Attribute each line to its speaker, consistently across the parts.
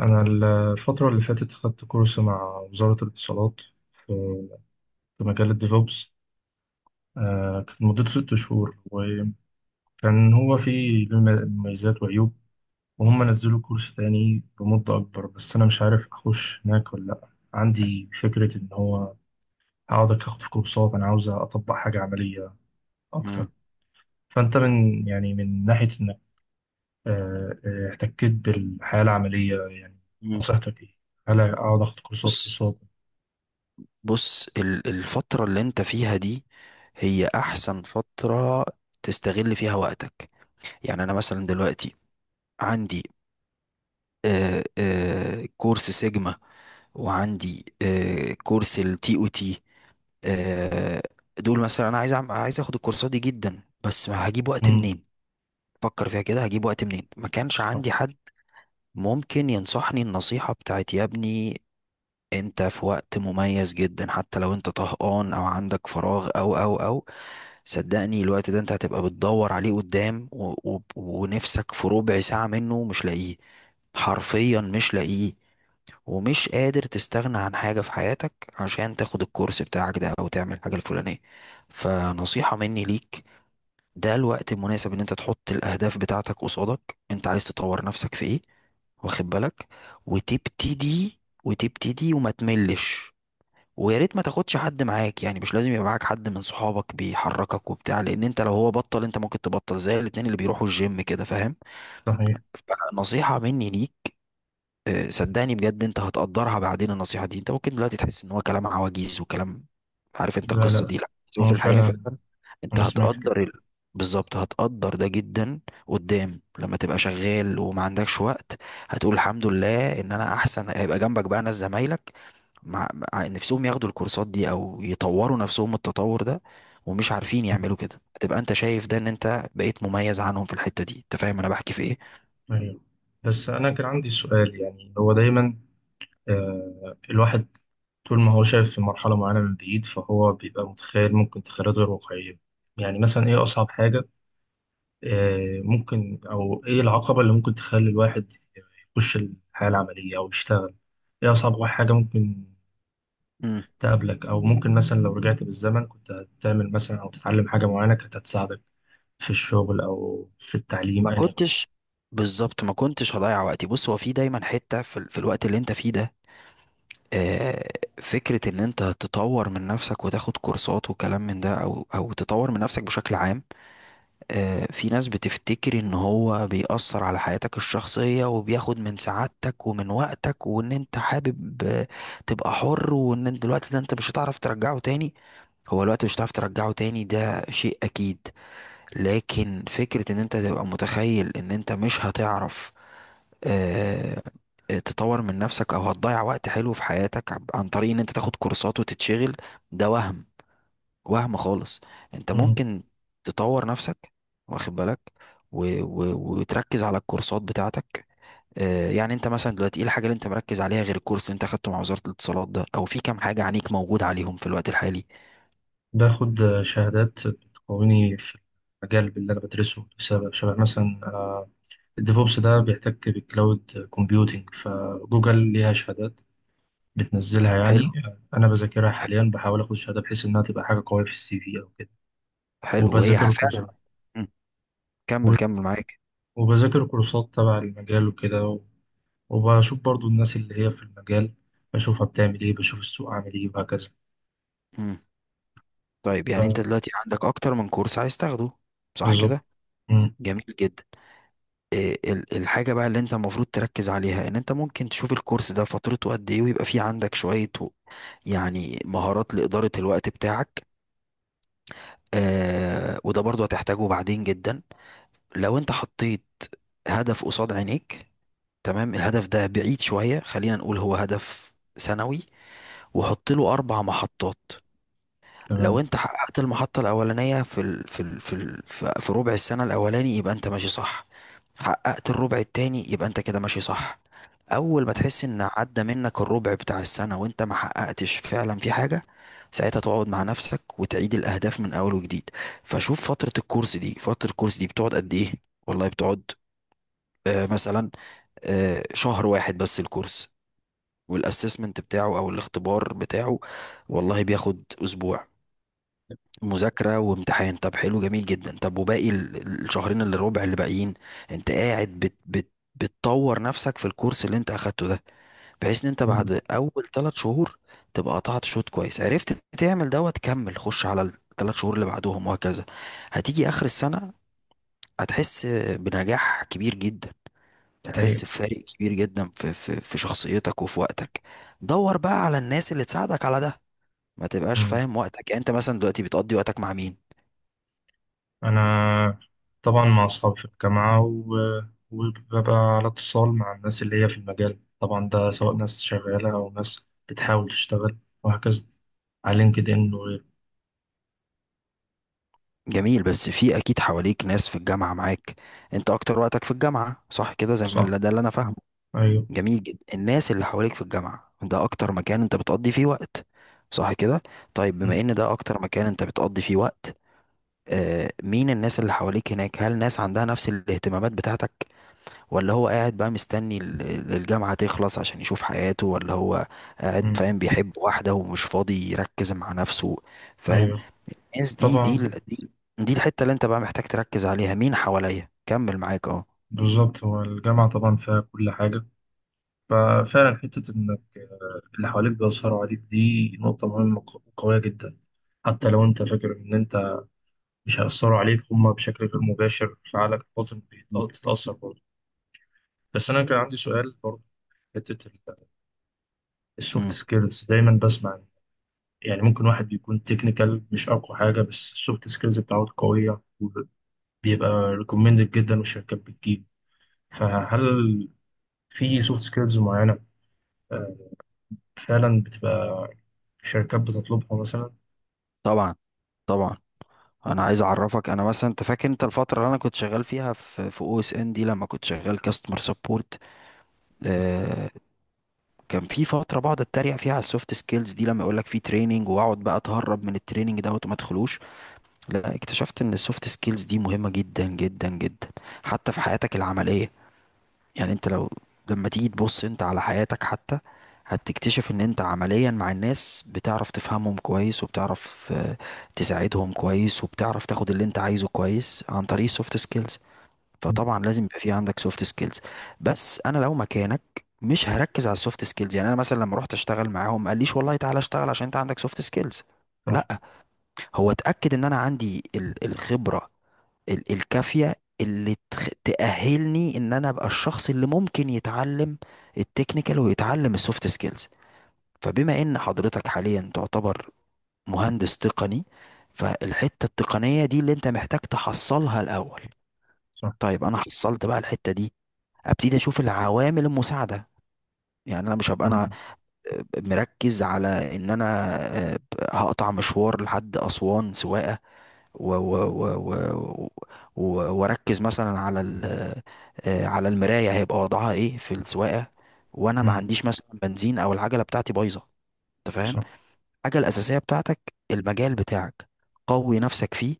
Speaker 1: أنا الفترة اللي فاتت خدت كورس مع وزارة الاتصالات في في مجال الديفوبس. كانت مدته 6 شهور. وكان هو فيه له مميزات وعيوب. وهم نزلوا كورس تاني بمدة أكبر، بس أنا مش عارف أخش هناك ولا لأ. عندي فكرة إن هو هقعد أخد في كورسات. أنا عاوز أطبق حاجة عملية
Speaker 2: مم.
Speaker 1: أكتر. فأنت من، يعني من ناحية إنك احتكيت بالحياة العملية، يعني
Speaker 2: مم.
Speaker 1: نصيحتك إيه؟ هل أقعد أخد كورسات
Speaker 2: بص
Speaker 1: كورسات؟
Speaker 2: بص الفترة اللي انت فيها دي، هي احسن فترة تستغل فيها وقتك. يعني انا مثلا دلوقتي عندي، كورس سيجما، وعندي كورس التي او تي. آه دول مثلا انا عايز عايز اخد الكورسات دي جدا، بس ما هجيب وقت
Speaker 1: مم.
Speaker 2: منين؟ فكر فيها كده، هجيب وقت منين؟ ما كانش عندي حد ممكن ينصحني النصيحة بتاعت: يا ابني، انت في وقت مميز جدا، حتى لو انت طهقان او عندك فراغ او او او صدقني الوقت ده انت هتبقى بتدور عليه قدام، و و ونفسك في ربع ساعة منه مش لاقيه، حرفيا مش لاقيه. ومش قادر تستغنى عن حاجة في حياتك عشان تاخد الكورس بتاعك ده او تعمل الحاجة الفلانية. فنصيحة مني ليك، ده الوقت المناسب ان انت تحط الاهداف بتاعتك قصادك، انت عايز تطور نفسك في ايه. واخد بالك، وتبتدي وتبتدي وما تملش. ويا ريت ما تاخدش حد معاك، يعني مش لازم يبقى معاك حد من صحابك بيحركك وبتاع، لان انت لو هو بطل انت ممكن تبطل، زي الاتنين اللي بيروحوا الجيم، كده فاهم.
Speaker 1: صحيح.
Speaker 2: فنصيحة مني ليك، صدقني بجد انت هتقدرها بعدين، النصيحة دي انت ممكن دلوقتي تحس ان هو كلام عواجيز وكلام، عارف انت
Speaker 1: لا
Speaker 2: القصة
Speaker 1: لا.
Speaker 2: دي، لا بس هو
Speaker 1: ما
Speaker 2: في
Speaker 1: هو
Speaker 2: الحقيقة
Speaker 1: فعلا.
Speaker 2: فعلا، انت
Speaker 1: أنا سمعت كده.
Speaker 2: هتقدر بالظبط هتقدر ده جدا قدام، لما تبقى شغال وما عندكش وقت هتقول الحمد لله ان انا احسن. هيبقى جنبك بقى ناس زمايلك مع نفسهم ياخدوا الكورسات دي او يطوروا نفسهم التطور ده، ومش عارفين يعملوا كده، هتبقى انت شايف ده ان انت بقيت مميز عنهم في الحتة دي. انت فاهم انا بحكي في ايه؟
Speaker 1: أيوه. بس أنا كان عندي سؤال. يعني هو دايما، الواحد طول ما هو شايف في مرحلة معينة من بعيد فهو بيبقى متخيل، ممكن تخيلات غير واقعية. يعني مثلا إيه أصعب حاجة، ممكن، أو إيه العقبة اللي ممكن تخلي الواحد يخش الحياة العملية أو يشتغل. إيه أصعب حاجة ممكن
Speaker 2: امم
Speaker 1: تقابلك، او ممكن مثلا لو رجعت بالزمن كنت هتعمل مثلا او تتعلم حاجه معينه كانت هتساعدك في الشغل او في التعليم،
Speaker 2: ما
Speaker 1: ان يكن.
Speaker 2: كنتش، بالظبط ما كنتش هضيع وقتي. بص هو في دايما حتة في الوقت اللي انت فيه ده، آه، فكرة ان انت تطور من نفسك وتاخد كورسات وكلام من ده، او تطور من نفسك بشكل عام. في ناس بتفتكر ان هو بيأثر على حياتك الشخصية وبياخد من سعادتك ومن وقتك، وان انت حابب تبقى حر، وان انت الوقت ده انت مش هتعرف ترجعه تاني. هو الوقت مش هتعرف ترجعه تاني، ده شيء اكيد. لكن فكرة ان انت تبقى متخيل ان انت مش هتعرف آه، تطور من نفسك او هتضيع وقت حلو في حياتك عن طريق ان انت تاخد كورسات وتتشغل، ده وهم، وهم خالص. انت
Speaker 1: مم.
Speaker 2: ممكن تطور نفسك، واخد بالك، و... و... وتركز على الكورسات بتاعتك. يعني انت مثلا دلوقتي ايه الحاجه اللي انت مركز عليها غير الكورس اللي انت اخدته مع وزاره الاتصالات ده؟ او في كام حاجه عنيك موجود عليهم في الوقت الحالي؟
Speaker 1: باخد شهادات بتقويني في المجال اللي انا بدرسه، بسبب شبه مثلا الديفوبس ده بيحتك بالكلاود كومبيوتينج، فجوجل ليها شهادات بتنزلها،
Speaker 2: حلو
Speaker 1: يعني انا بذاكرها
Speaker 2: ح-
Speaker 1: حاليا، بحاول اخد شهاده بحيث انها تبقى حاجه قويه في الـCV او كده.
Speaker 2: حلو وهي
Speaker 1: وبذاكر
Speaker 2: فعلا.
Speaker 1: الكورسات
Speaker 2: مم.
Speaker 1: و-
Speaker 2: كمل كمل معاك.
Speaker 1: وبذاكر كورسات تبع المجال وكده. وبشوف برضو الناس اللي هي في المجال، بشوفها بتعمل ايه، بشوف السوق عامل ايه، وهكذا.
Speaker 2: مم. طيب يعني انت
Speaker 1: ف-
Speaker 2: دلوقتي عندك اكتر من كورس عايز تاخده، صح
Speaker 1: بالظبط.
Speaker 2: كده؟
Speaker 1: مم.
Speaker 2: جميل جدا. إيه الحاجة بقى اللي انت المفروض تركز عليها ان انت ممكن تشوف الكورس ده فترته قد ايه، ويبقى فيه عندك شوية يعني مهارات لإدارة الوقت بتاعك. وده برضو هتحتاجه بعدين جدا. لو انت حطيت هدف قصاد عينيك، تمام. الهدف ده بعيد شوية، خلينا نقول هو هدف سنوي، وحط له أربع محطات. لو
Speaker 1: تمام.
Speaker 2: انت حققت المحطة الأولانية في ال... في ال... في ال... في في ربع السنة الأولاني يبقى انت ماشي صح. حققت الربع التاني يبقى انت كده ماشي صح. أول ما تحس ان عدى منك الربع بتاع السنة وانت ما حققتش فعلا في حاجة، ساعتها تقعد مع نفسك وتعيد الأهداف من أول وجديد. فشوف فترة الكورس دي، فترة الكورس دي بتقعد قد إيه؟ والله بتقعد مثلا شهر واحد بس الكورس، والاسسمنت بتاعه او الاختبار بتاعه والله بياخد اسبوع مذاكرة وامتحان. طب حلو جميل جدا. طب وباقي الشهرين اللي ربع اللي باقيين انت قاعد بت بت بتطور نفسك في الكورس اللي انت اخدته ده، بحيث ان انت
Speaker 1: مم.
Speaker 2: بعد اول ثلاث شهور تبقى قطعت شوط كويس، عرفت تعمل دوت، كمل خش على الثلاث شهور اللي بعدهم وهكذا. هتيجي اخر السنة هتحس بنجاح كبير جدا.
Speaker 1: دي
Speaker 2: هتحس
Speaker 1: حقيقة.
Speaker 2: بفارق كبير جدا في شخصيتك وفي وقتك. دور بقى على الناس اللي تساعدك على ده. ما تبقاش
Speaker 1: مم.
Speaker 2: فاهم وقتك، يعني انت مثلا دلوقتي بتقضي وقتك مع مين؟
Speaker 1: أنا طبعا مع أصحابي في الجامعة وببقى على اتصال مع الناس اللي هي في المجال، طبعا ده سواء ناس شغالة أو ناس بتحاول تشتغل وهكذا، على لينكد إن وغيره.
Speaker 2: جميل، بس في اكيد حواليك ناس في الجامعة معاك. انت اكتر وقتك في الجامعة صح كده، زي ما
Speaker 1: صح.
Speaker 2: ده اللي انا فاهمه.
Speaker 1: أيوه.
Speaker 2: جميل جدا. الناس اللي حواليك في الجامعة ده اكتر مكان انت بتقضي فيه وقت، صح كده؟ طيب
Speaker 1: مم.
Speaker 2: بما ان ده اكتر مكان انت بتقضي فيه وقت، مين الناس اللي حواليك هناك؟ هل ناس عندها نفس الاهتمامات بتاعتك، ولا هو قاعد بقى مستني الجامعة تخلص عشان يشوف حياته، ولا هو قاعد
Speaker 1: مم.
Speaker 2: فاهم بيحب واحدة ومش فاضي يركز مع نفسه. فاهم؟
Speaker 1: أيوه.
Speaker 2: الناس دي،
Speaker 1: طبعا.
Speaker 2: دي الحتة اللي انت بقى محتاج تركز عليها، مين حواليا. كمل معاك. اه
Speaker 1: بالظبط. هو الجامعة طبعا فيها كل حاجة. ففعلا حتة إنك اللي حواليك بيأثروا عليك، دي نقطة مهمة وقوية جدا. حتى لو أنت فاكر إن أنت مش هيأثروا عليك، هما بشكل غير مباشر فعلك الباطن
Speaker 2: م-
Speaker 1: بيتأثر برضه. بس أنا كان عندي سؤال برضه. في حتة السوفت
Speaker 2: م.
Speaker 1: سكيلز، دايما بسمع. يعني ممكن واحد بيكون تكنيكال مش أقوى حاجة، بس السوفت سكيلز بتاعته قوية، وبيبقى ريكومندد جدا، والشركات بتجيب. فهل في سوفت سكيلز معينة آه، فعلا بتبقى شركات بتطلبها مثلا؟
Speaker 2: طبعا طبعا. انا عايز اعرفك، انا مثلا انت فاكر انت الفترة اللي انا كنت شغال فيها في او اس ان دي، لما كنت شغال كاستمر سبورت، آه كان في فترة بقعد اتريق فيها على السوفت سكيلز دي، لما يقول لك في تريننج واقعد بقى اتهرب من التريننج دوت وما ادخلوش. لا، اكتشفت ان السوفت سكيلز دي مهمة جدا جدا جدا، حتى في حياتك العملية. يعني انت لو لما تيجي تبص انت على حياتك حتى هتكتشف ان انت عمليا مع الناس بتعرف تفهمهم كويس، وبتعرف تساعدهم كويس، وبتعرف تاخد اللي انت عايزه كويس عن طريق السوفت سكيلز. فطبعا لازم يبقى في عندك سوفت سكيلز. بس انا لو مكانك مش هركز على السوفت سكيلز. يعني انا مثلا لما رحت اشتغل معاهم ما قاليش والله تعالى اشتغل عشان انت عندك سوفت سكيلز،
Speaker 1: صح.
Speaker 2: لا، هو اتاكد ان انا عندي الخبره الكافية اللي تأهلني ان انا ابقى الشخص اللي ممكن يتعلم التكنيكال ويتعلم السوفت سكيلز. فبما ان حضرتك حاليا تعتبر مهندس تقني، فالحتة التقنية دي اللي انت محتاج تحصلها الاول.
Speaker 1: صح.
Speaker 2: طيب انا حصلت بقى الحتة دي، ابتدي اشوف العوامل المساعدة. يعني انا مش هبقى انا
Speaker 1: مم.
Speaker 2: مركز على ان انا آه، هقطع مشوار لحد اسوان سواقة و و و و واركز مثلا على ال آه، على المرايه هيبقى وضعها ايه في السواقه، وانا ما
Speaker 1: مم.
Speaker 2: عنديش مثلا بنزين او العجله بتاعتي بايظه. انت فاهم؟
Speaker 1: صح.
Speaker 2: الحاجه الاساسيه بتاعتك المجال بتاعك، قوي نفسك فيه.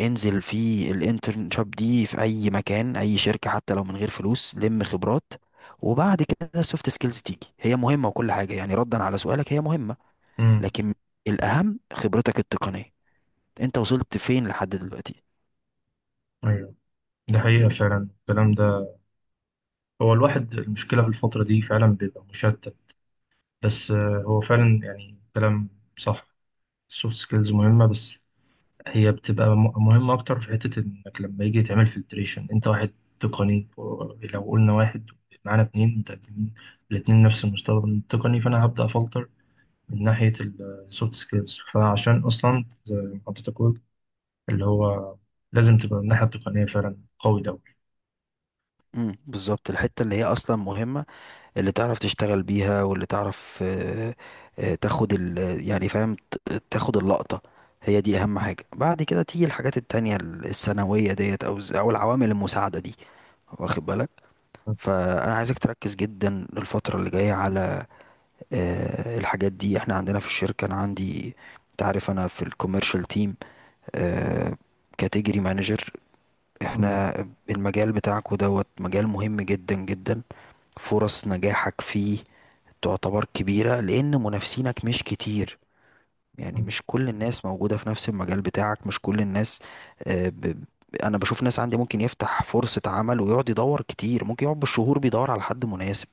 Speaker 2: انزل في الانترنشاب دي في اي مكان اي شركه، حتى لو من غير فلوس، لم خبرات. وبعد كده السوفت سكيلز تيجي، هي مهمه وكل حاجه، يعني ردا على سؤالك هي مهمه،
Speaker 1: مم.
Speaker 2: لكن الاهم خبرتك التقنيه، انت وصلت فين لحد دلوقتي.
Speaker 1: ايوه. ده حقيقة فعلا الكلام ده. هو الواحد، المشكلة في الفترة دي فعلا بيبقى مشتت. بس هو فعلا يعني كلام صح. السوفت سكيلز مهمة، بس هي بتبقى مهمة أكتر في حتة إنك لما يجي تعمل فلتريشن أنت واحد تقني، لو قلنا واحد معانا 2 متقدمين، الاتنين نفس المستوى التقني، فأنا هبدأ أفلتر من ناحية السوفت سكيلز. فعشان أصلا زي ما حضرتك قلت، اللي هو لازم تبقى من الناحية التقنية فعلا قوي ده.
Speaker 2: امم، بالظبط الحتة اللي هي أصلا مهمة، اللي تعرف تشتغل بيها واللي تعرف تاخد يعني فاهم تاخد اللقطة. هي دي أهم حاجة، بعد كده تيجي الحاجات التانية الثانوية ديت أو العوامل المساعدة دي. واخد بالك. فأنا عايزك تركز جدا الفترة اللي جاية على الحاجات دي. احنا عندنا في الشركة أنا عندي، تعرف أنا في الكوميرشال تيم كاتيجري مانجر،
Speaker 1: الله.
Speaker 2: احنا المجال بتاعكو دوت مجال مهم جدا جدا. فرص نجاحك فيه تعتبر كبيرة لأن منافسينك مش كتير، يعني
Speaker 1: أمم.
Speaker 2: مش كل الناس موجودة في نفس المجال بتاعك، مش كل الناس، آه، ب... أنا بشوف ناس عندي ممكن يفتح فرصة عمل ويقعد يدور كتير، ممكن يقعد بالشهور بيدور على حد مناسب،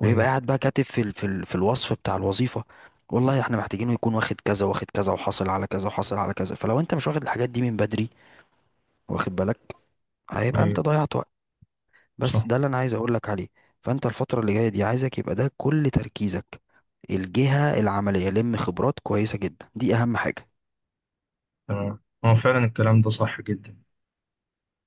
Speaker 2: ويبقى
Speaker 1: أيوه.
Speaker 2: قاعد بقى كاتب في الوصف بتاع الوظيفة، والله احنا محتاجينه يكون واخد كذا واخد كذا وحاصل على كذا وحاصل على كذا. فلو انت مش واخد الحاجات دي من بدري، واخد بالك، هيبقى انت
Speaker 1: أيوه.
Speaker 2: ضيعت وقت. بس
Speaker 1: صح.
Speaker 2: ده اللي انا عايز اقول لك عليه. فانت الفتره اللي جايه دي عايزك يبقى ده كل تركيزك، الجهه العمليه لم خبرات كويسه جدا، دي اهم حاجه.
Speaker 1: تمام. هو فعلا الكلام ده صح جدا.